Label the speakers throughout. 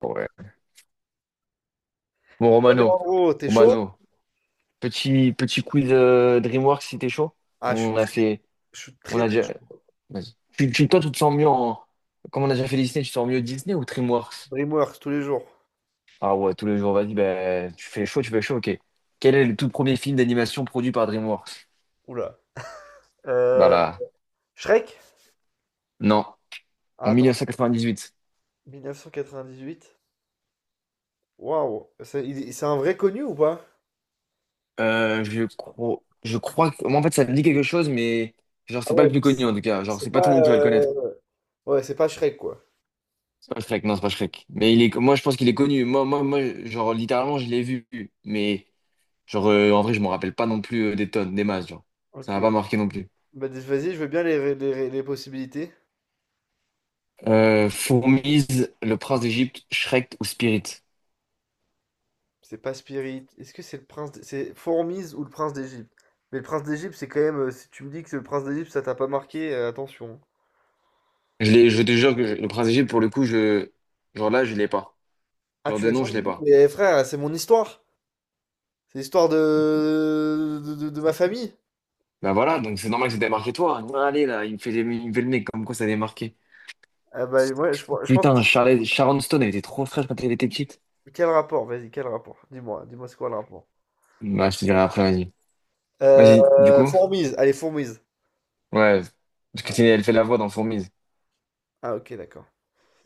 Speaker 1: Ouais. Bon,
Speaker 2: Ouais, mais
Speaker 1: Romano,
Speaker 2: en gros, t'es chaud?
Speaker 1: Romano, petit quiz DreamWorks si t'es chaud.
Speaker 2: Ah,
Speaker 1: On a fait,
Speaker 2: je suis
Speaker 1: on
Speaker 2: très,
Speaker 1: a
Speaker 2: très
Speaker 1: déjà.
Speaker 2: chaud.
Speaker 1: Vas-y. Toi, tu te sens mieux en. Comme on a déjà fait Disney, tu te sens mieux Disney ou DreamWorks?
Speaker 2: DreamWorks tous les jours.
Speaker 1: Ah ouais, tous les jours, vas-y, ben, tu fais chaud, ok. Quel est le tout premier film d'animation produit par DreamWorks?
Speaker 2: Oula.
Speaker 1: Bah
Speaker 2: Euh,
Speaker 1: là,
Speaker 2: Shrek?
Speaker 1: non,
Speaker 2: Ah,
Speaker 1: en
Speaker 2: attends.
Speaker 1: 1998.
Speaker 2: 1998. Waouh. C'est un vrai connu ou pas?
Speaker 1: Je crois que, moi, en fait, ça me dit quelque chose, mais genre,
Speaker 2: Ah
Speaker 1: c'est pas
Speaker 2: ouais,
Speaker 1: le
Speaker 2: donc
Speaker 1: plus connu
Speaker 2: c'est
Speaker 1: en tout cas. Genre,
Speaker 2: c'est
Speaker 1: c'est pas tout
Speaker 2: pas.
Speaker 1: le monde qui va le connaître.
Speaker 2: Ouais, c'est pas Shrek, quoi.
Speaker 1: C'est pas Shrek, non, c'est pas Shrek. Mais il est, moi, je pense qu'il est connu. Moi, genre, littéralement, je l'ai vu. Mais, genre, en vrai, je m'en rappelle pas non plus des tonnes, des masses, genre. Ça
Speaker 2: Ok.
Speaker 1: m'a pas marqué non plus.
Speaker 2: Bah, dis- vas-y, je veux bien les possibilités.
Speaker 1: Fourmise, Le Prince d'Égypte, Shrek ou Spirit?
Speaker 2: C'est pas Spirit. Est-ce que c'est le prince. D- C'est Fourmise ou le prince d'Égypte? Mais le prince d'Égypte, c'est quand même. Si tu me dis que c'est le prince d'Égypte, ça t'a pas marqué, attention.
Speaker 1: Je l'ai, je te jure que je- Le Prince d'Égypte, pour le coup, je, genre là, je l'ai pas.
Speaker 2: Ah,
Speaker 1: Genre
Speaker 2: tu
Speaker 1: de
Speaker 2: l'as
Speaker 1: nom, je
Speaker 2: jamais
Speaker 1: l'ai
Speaker 2: vu?
Speaker 1: pas.
Speaker 2: Mais frère, c'est mon histoire. C'est l'histoire de... De ma famille?
Speaker 1: Bah voilà, donc c'est normal que ça t'ait marqué toi. Allez, là, il me fait, des- il me fait le nez, comme quoi ça t'est marqué.
Speaker 2: Ah bah ouais, je pense que
Speaker 1: Putain,
Speaker 2: c'est-
Speaker 1: Charlotte, Sharon Stone, elle était trop fraîche quand elle était petite.
Speaker 2: Quel rapport? Vas-y, quel rapport? Dis-moi, dis-moi c'est quoi le rapport?
Speaker 1: Bah, je te dirai après, vas-y. Vas-y, du coup.
Speaker 2: Fourmise, allez, fourmise.
Speaker 1: Ouais, parce que c'est-
Speaker 2: Ouais.
Speaker 1: elle fait la voix dans Fourmise.
Speaker 2: Ah ok, d'accord.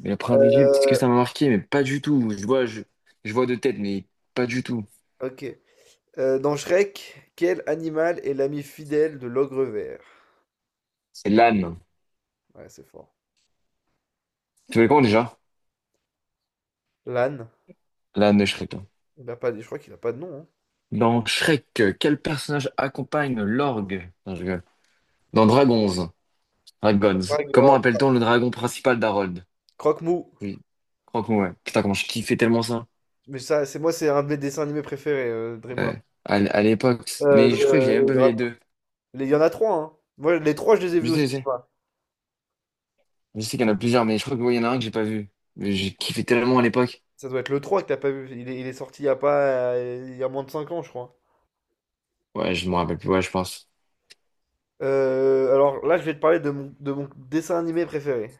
Speaker 1: Mais le prince d'Égypte, est-ce que
Speaker 2: Euh,
Speaker 1: ça m'a marqué? Mais pas du tout. Je vois de tête, mais pas du tout.
Speaker 2: ok. Dans Shrek, quel animal est l'ami fidèle de l'ogre vert?
Speaker 1: C'est l'âne.
Speaker 2: Ouais, c'est fort.
Speaker 1: Tu veux comment déjà?
Speaker 2: L'âne.
Speaker 1: L'âne de Shrek, hein.
Speaker 2: Il a pas, je crois qu'il a pas de nom, hein.
Speaker 1: Dans Shrek, quel personnage accompagne l'orgue? Non, je rigole. Dans Dragons, Dragons,
Speaker 2: Croque-
Speaker 1: comment
Speaker 2: oh,
Speaker 1: appelle-t-on le dragon principal d'Harold?
Speaker 2: Croque-mou.
Speaker 1: Oui, crois-moi, ouais. Putain, comment je kiffais tellement ça.
Speaker 2: Mais ça, c'est moi, c'est un de mes dessins animés préférés, DreamWorks.
Speaker 1: Ouais. À, l- à l'époque.
Speaker 2: Euh,
Speaker 1: Mais je crois que j'ai même pas vu les
Speaker 2: euh,
Speaker 1: deux.
Speaker 2: Il y en a trois, hein. Moi, les trois, je les ai
Speaker 1: Je
Speaker 2: vus
Speaker 1: sais,
Speaker 2: aussi.
Speaker 1: je sais. Je sais qu'il y en a plusieurs, mais je crois que ouais, il y en a un que j'ai pas vu. Mais j'ai kiffé tellement à l'époque.
Speaker 2: Ça doit être le 3 que t'as pas vu. Il est sorti il y a pas, il y a moins de cinq ans, je crois.
Speaker 1: Ouais, je me rappelle plus, ouais, je pense.
Speaker 2: Alors là, je vais te parler de de mon dessin animé préféré.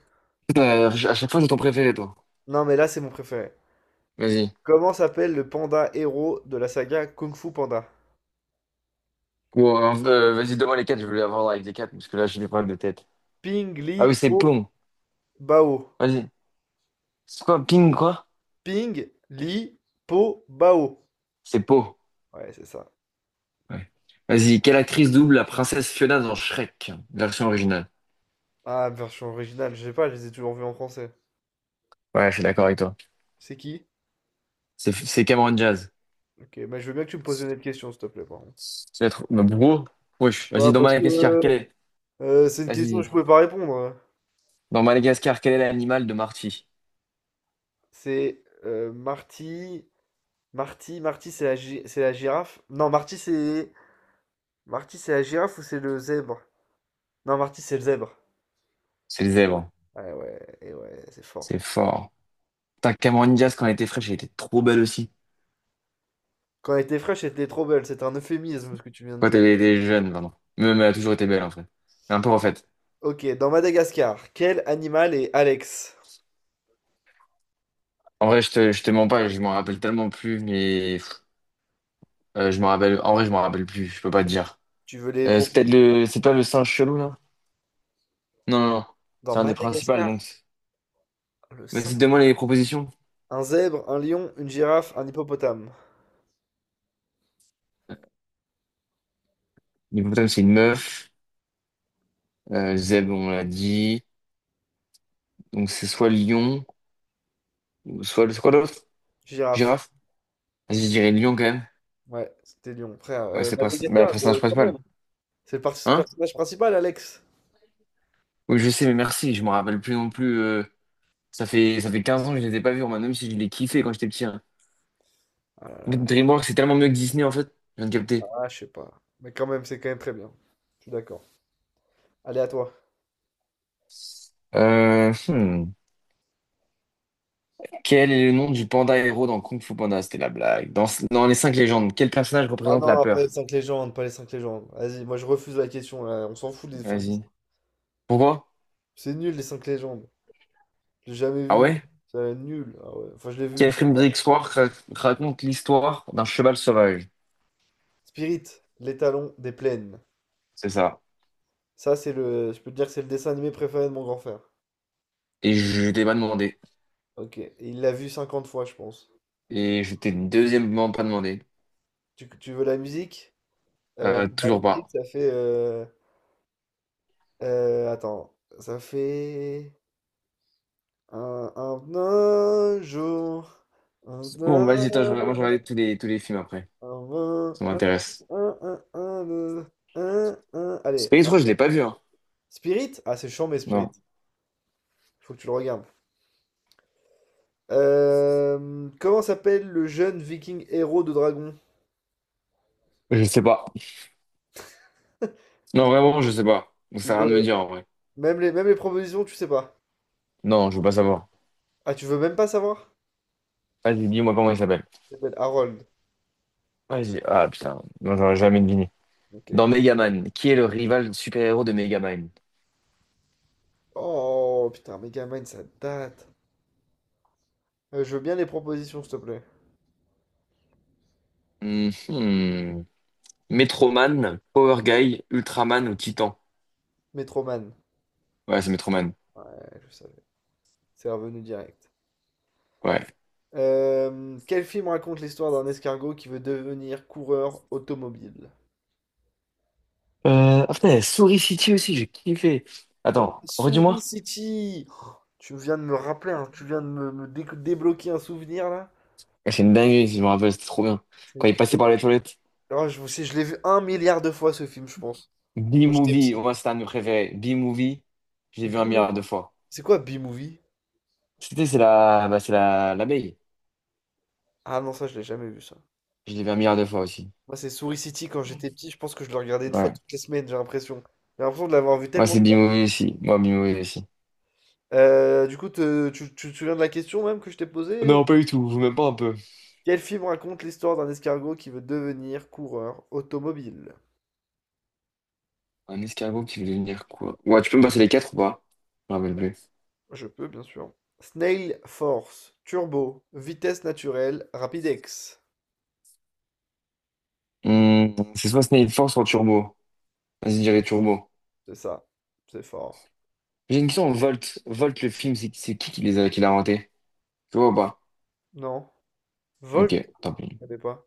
Speaker 1: Putain, à chaque fois, j'ai ton préféré, toi.
Speaker 2: Non, mais là, c'est mon préféré.
Speaker 1: Vas-y.
Speaker 2: Comment s'appelle le panda héros de la saga Kung Fu Panda?
Speaker 1: Ou, vas-y, donne-moi les quatre, je voulais avoir avec les quatre, parce que là, j'ai des problèmes de tête.
Speaker 2: Ping Li
Speaker 1: Ah oui, c'est
Speaker 2: Po
Speaker 1: Pong.
Speaker 2: Bao.
Speaker 1: Vas-y. C'est quoi, Ping, quoi?
Speaker 2: Ping Li Po Bao.
Speaker 1: C'est Po.
Speaker 2: Ouais, c'est ça.
Speaker 1: Ouais. Vas-y, quelle actrice double la princesse Fiona dans Shrek, version originale?
Speaker 2: Ah, version originale, je sais pas, je les ai toujours vus en français.
Speaker 1: Ouais, je suis d'accord avec toi.
Speaker 2: C'est qui?
Speaker 1: C'est Cameron Diaz.
Speaker 2: Ok, mais je veux bien que tu me poses une autre question, s'il te plaît, par contre.
Speaker 1: Tu vas être... Bah, bro. Wesh.
Speaker 2: Bah,
Speaker 1: Vas-y, dans
Speaker 2: parce que
Speaker 1: Madagascar, quel est...
Speaker 2: c'est une question que
Speaker 1: Vas-y.
Speaker 2: je pouvais pas répondre, hein.
Speaker 1: Dans Madagascar, quel est l'animal de Marty?
Speaker 2: C'est Marty. Marty c'est la, gi- c'est la girafe. Non, Marty c'est la girafe ou c'est le zèbre? Non, Marty c'est le zèbre.
Speaker 1: C'est le zèbre.
Speaker 2: Ouais, ouais, et ouais, c'est fort.
Speaker 1: C'est fort. Putain, Cameron Diaz, quand elle était fraîche, elle était trop belle aussi.
Speaker 2: Quand elle était fraîche, elle était trop belle. C'est un euphémisme ce que tu viens de
Speaker 1: Quand
Speaker 2: dire.
Speaker 1: elle était jeune, pardon. Même elle a toujours été belle, en fait. Un peu en fait.
Speaker 2: Ok, dans Madagascar, quel animal est Alex?
Speaker 1: En vrai, je te mens pas, je m'en rappelle tellement plus, mais pff, je m'en rappelle. En vrai, je m'en rappelle plus, je peux pas te dire.
Speaker 2: Tu veux les pro...
Speaker 1: C'est peut-être le. C'est pas le singe chelou, là? Non, non, non.
Speaker 2: Dans
Speaker 1: C'est un des principaux,
Speaker 2: Madagascar,
Speaker 1: donc.
Speaker 2: le
Speaker 1: Vas-y, donne-moi
Speaker 2: singe.
Speaker 1: les propositions.
Speaker 2: Un zèbre, un lion, une girafe, un hippopotame.
Speaker 1: L'hippopotame, c'est une meuf. Zèbre, on l'a dit. Donc, c'est soit lion, ou soit. C'est quoi l'autre?
Speaker 2: Girafe.
Speaker 1: Girafe? Vas-y, je dirais lion, quand même.
Speaker 2: Ouais, c'était lion, frère.
Speaker 1: Ouais, c'est le princi- bah, le
Speaker 2: Madagascar,
Speaker 1: personnage
Speaker 2: quand
Speaker 1: principal.
Speaker 2: même. C'est le par-
Speaker 1: Hein?
Speaker 2: personnage principal, Alex.
Speaker 1: Oui, je sais, mais merci, je m'en rappelle plus non plus. Ça fait 15 ans que je les ai pas vus, Roman, même si je les kiffais quand j'étais petit, hein. En fait,
Speaker 2: Ah,
Speaker 1: DreamWorks, c'est tellement mieux que Disney, en fait. Je viens de
Speaker 2: là
Speaker 1: capter.
Speaker 2: là, je sais pas. Mais quand même, c'est quand même très bien. Je suis d'accord. Allez, à toi.
Speaker 1: Euh, hmm. Quel est le nom du panda héros dans Kung Fu Panda? C'était la blague. Dans, dans les cinq légendes, quel personnage
Speaker 2: Ah
Speaker 1: représente la
Speaker 2: non, pas les
Speaker 1: peur?
Speaker 2: cinq légendes, pas les cinq légendes. Vas-y, moi je refuse la question là. On s'en fout des cinq
Speaker 1: Vas-y. Pourquoi?
Speaker 2: C'est nul les cinq légendes. J'ai jamais
Speaker 1: Ah
Speaker 2: vu.
Speaker 1: ouais?
Speaker 2: C'est nul. Ah ouais. Enfin, je l'ai vu une
Speaker 1: Quel film
Speaker 2: fois.
Speaker 1: d'histoire ra- raconte l'histoire d'un cheval sauvage?
Speaker 2: Spirit, l'étalon des plaines.
Speaker 1: C'est ça.
Speaker 2: Ça, c'est le. Je peux te dire que c'est le dessin animé préféré de mon grand frère.
Speaker 1: Et je t'ai pas demandé.
Speaker 2: Ok. Et Il l'a vu cinquante fois, je pense.
Speaker 1: Et je t'ai deuxièmement pas demandé.
Speaker 2: Tu veux la musique? La
Speaker 1: Toujours
Speaker 2: musique,
Speaker 1: pas.
Speaker 2: ça fait. Attends. Ça fait. Un, un, un jour. Un,
Speaker 1: Bon,
Speaker 2: un
Speaker 1: vas-y, attends, je vais regarder tous les films après.
Speaker 2: Un,
Speaker 1: Ça
Speaker 2: un,
Speaker 1: m'intéresse.
Speaker 2: un, un, deux, un, un. Allez,
Speaker 1: Space
Speaker 2: un.
Speaker 1: 3, je l'ai pas vu, hein.
Speaker 2: Spirit? Ah, c'est chiant, mais Spirit.
Speaker 1: Non.
Speaker 2: Faut que tu le regardes. Comment s'appelle le jeune viking héros de dragon?
Speaker 1: Je sais pas.
Speaker 2: Tu
Speaker 1: Non,
Speaker 2: veux,
Speaker 1: vraiment, je sais pas. Ça
Speaker 2: tu
Speaker 1: sert à rien
Speaker 2: veux...
Speaker 1: de me dire en vrai.
Speaker 2: Même les propositions, tu sais pas.
Speaker 1: Non, je veux pas savoir.
Speaker 2: Ah, tu veux même pas savoir?
Speaker 1: Vas-y, dis-moi comment il s'appelle.
Speaker 2: Il s'appelle Harold.
Speaker 1: Vas-y. Ah putain, non, j'aurais jamais deviné.
Speaker 2: Ok.
Speaker 1: Dans Megaman, qui est le rival super-héros de Megaman?
Speaker 2: Oh, putain, Megamind, ça date. Je veux bien les propositions, s'il te plaît.
Speaker 1: Mhm. Metroman, Power Guy, Ultraman ou Titan?
Speaker 2: Metroman.
Speaker 1: Ouais, c'est Metroman.
Speaker 2: Ouais, je savais. C'est revenu direct.
Speaker 1: Ouais.
Speaker 2: Quel film raconte l'histoire d'un escargot qui veut devenir coureur automobile?
Speaker 1: Ah putain, il y a Souris City aussi, j'ai kiffé.
Speaker 2: Oh,
Speaker 1: Attends, redis-moi.
Speaker 2: Souris City! Oh, tu viens de me rappeler, hein, tu viens de me dé- débloquer un souvenir là.
Speaker 1: Ah, c'est une dinguerie, si je me rappelle, c'était trop bien. Quand il passait
Speaker 2: C'est-
Speaker 1: par les toilettes.
Speaker 2: Oh, sais, je l'ai vu un milliard de fois ce film, je pense. Quand j'étais petit.
Speaker 1: B-Movie, moi, c'était un de mes préférés. B-Movie, j'ai vu un
Speaker 2: B-Movie.
Speaker 1: milliard de fois.
Speaker 2: C'est quoi B-Movie?
Speaker 1: Tu sais, c'est la, bah, c'est la, l'abeille.
Speaker 2: Ah non, ça je l'ai jamais vu ça.
Speaker 1: Je l'ai vu un milliard de fois aussi.
Speaker 2: Moi c'est Souris City quand j'étais petit, je pense que je le regardais une fois
Speaker 1: Ouais.
Speaker 2: toutes les semaines, j'ai l'impression. J'ai l'impression de l'avoir vu
Speaker 1: Moi
Speaker 2: tellement
Speaker 1: c'est
Speaker 2: de fois.
Speaker 1: Bimoué aussi. Moi, Bimoué aussi.
Speaker 2: Du coup, te- tu te souviens de la question même que je t'ai posée? Ou-
Speaker 1: Non, pas du tout. Vous même pas un peu.
Speaker 2: Quel film raconte l'histoire d'un escargot qui veut devenir coureur automobile?
Speaker 1: Un escargot qui veut devenir quoi? Ouais, tu peux me passer les quatre ou pas? Je me rappelle plus.
Speaker 2: Je peux, bien sûr. Snail Force, Turbo, Vitesse naturelle, Rapidex.
Speaker 1: Hmm, c'est soit Snake Force soit Turbo. Vas-y, je dirais Turbo.
Speaker 2: C'est ça. C'est fort.
Speaker 1: J'ai une question, Volt. Volt, le film, c'est qui les a, qui l'a inventé? Tu vois ou pas?
Speaker 2: Non. Volt,
Speaker 1: Ok,
Speaker 2: je
Speaker 1: tant pis.
Speaker 2: connais pas.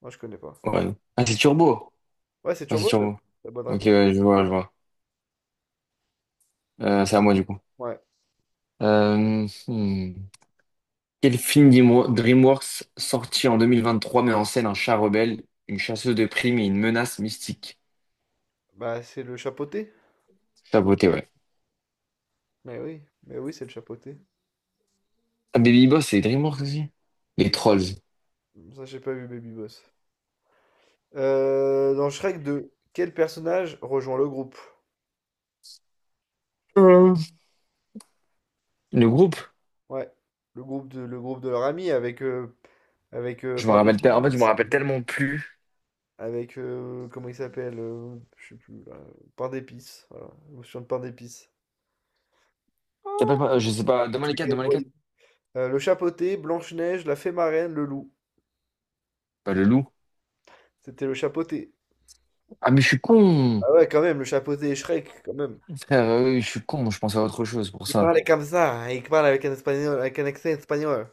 Speaker 2: Moi, je connais pas.
Speaker 1: Ouais. Ah, c'est Turbo.
Speaker 2: Ouais, c'est
Speaker 1: Ah, c'est
Speaker 2: Turbo, la
Speaker 1: Turbo.
Speaker 2: la bonne
Speaker 1: Ok,
Speaker 2: réponse.
Speaker 1: ouais, je vois, je vois. C'est à moi, du coup.
Speaker 2: Ouais.
Speaker 1: Euh, hmm. Quel film Dimo- DreamWorks sorti en 2023 met en scène un chat rebelle, une chasseuse de primes et une menace mystique?
Speaker 2: Bah, c'est le chapeauté.
Speaker 1: Saboté, ouais.
Speaker 2: Mais oui, c'est le chapeauté.
Speaker 1: Ah, Baby Boss, c'est DreamWorks aussi? Les Trolls.
Speaker 2: Ça, j'ai pas vu Baby Boss. Dans Shrek 2, quel personnage rejoint le groupe?
Speaker 1: Euh, Le groupe?
Speaker 2: Ouais. Le groupe de leur ami avec, avec
Speaker 1: Je me rappelle, te- en fait, je me
Speaker 2: Parle-Épice.
Speaker 1: rappelle tellement plus.
Speaker 2: Avec, comment il s'appelle Je sais plus, là. Pain d'épices. Voilà, je de pain d'épices.
Speaker 1: Ça s'appelle pas- je sais pas, demain
Speaker 2: Ceux
Speaker 1: les
Speaker 2: qui
Speaker 1: 4.
Speaker 2: avaient le
Speaker 1: Demain les quatre.
Speaker 2: royaume. Le chapeauté, Blanche-Neige, la fée marraine, le loup.
Speaker 1: Pas le loup.
Speaker 2: C'était le chapeauté.
Speaker 1: Ah, mais je suis con!
Speaker 2: Ah ouais, quand même, le chapeauté et Shrek, quand même.
Speaker 1: Frère, oui, je suis con, je pensais à autre chose pour
Speaker 2: Il
Speaker 1: ça.
Speaker 2: parlait comme ça, hein, il parle avec un espagnol, avec un accent espagnol.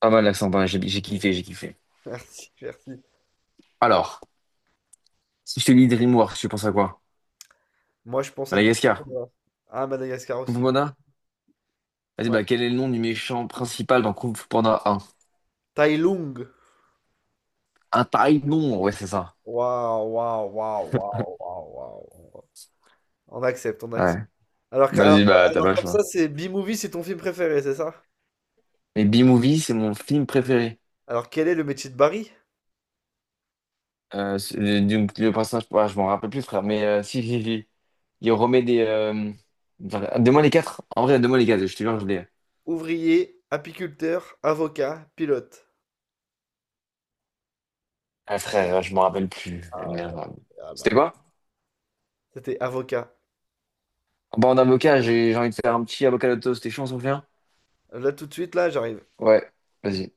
Speaker 1: Pas mal l'accent, pas mal, j'ai kiffé, j'ai kiffé.
Speaker 2: Merci, merci.
Speaker 1: Alors, si je te dis DreamWorks, tu penses à quoi?
Speaker 2: Moi, je pense à Côte
Speaker 1: Madagascar?
Speaker 2: d'Ivoire. Ah, Madagascar
Speaker 1: Kung Fu
Speaker 2: aussi.
Speaker 1: Panda? Vas-y,
Speaker 2: Ouais.
Speaker 1: bah, quel est le nom du méchant principal dans Kung Fu Panda?
Speaker 2: Tai Lung.
Speaker 1: Un pareil nombre, ouais, c'est ça.
Speaker 2: Waouh, waouh, waouh, waouh, waouh, waouh, waouh. On accepte, on accepte.
Speaker 1: Ouais.
Speaker 2: Alors, que-
Speaker 1: Vas-y,
Speaker 2: alors, que-
Speaker 1: bah, t'as pas
Speaker 2: alors
Speaker 1: le
Speaker 2: comme
Speaker 1: choix.
Speaker 2: ça, c'est B-Movie, c'est ton film préféré, c'est ça?
Speaker 1: Mais B-Movie, c'est mon film préféré.
Speaker 2: Alors, quel est le métier de Barry?
Speaker 1: C'est- du, le personnage, ah, je m'en rappelle plus, frère, mais si. Il remet des. Enfin, donne-moi les quatre. En vrai, donne-moi les quatre, je te jure, je l'ai.
Speaker 2: Ouvrier, apiculteur, avocat, pilote.
Speaker 1: Ah, frère, je m'en rappelle plus.
Speaker 2: Ah ouais, ah bah
Speaker 1: C'était quoi?
Speaker 2: ouais. C'était avocat.
Speaker 1: Bah, en avocat, j'ai envie de faire un petit avocat de toast, t'es chaud, on s'en fait un?
Speaker 2: Là, tout de suite, là, j'arrive.
Speaker 1: Ouais, vas-y.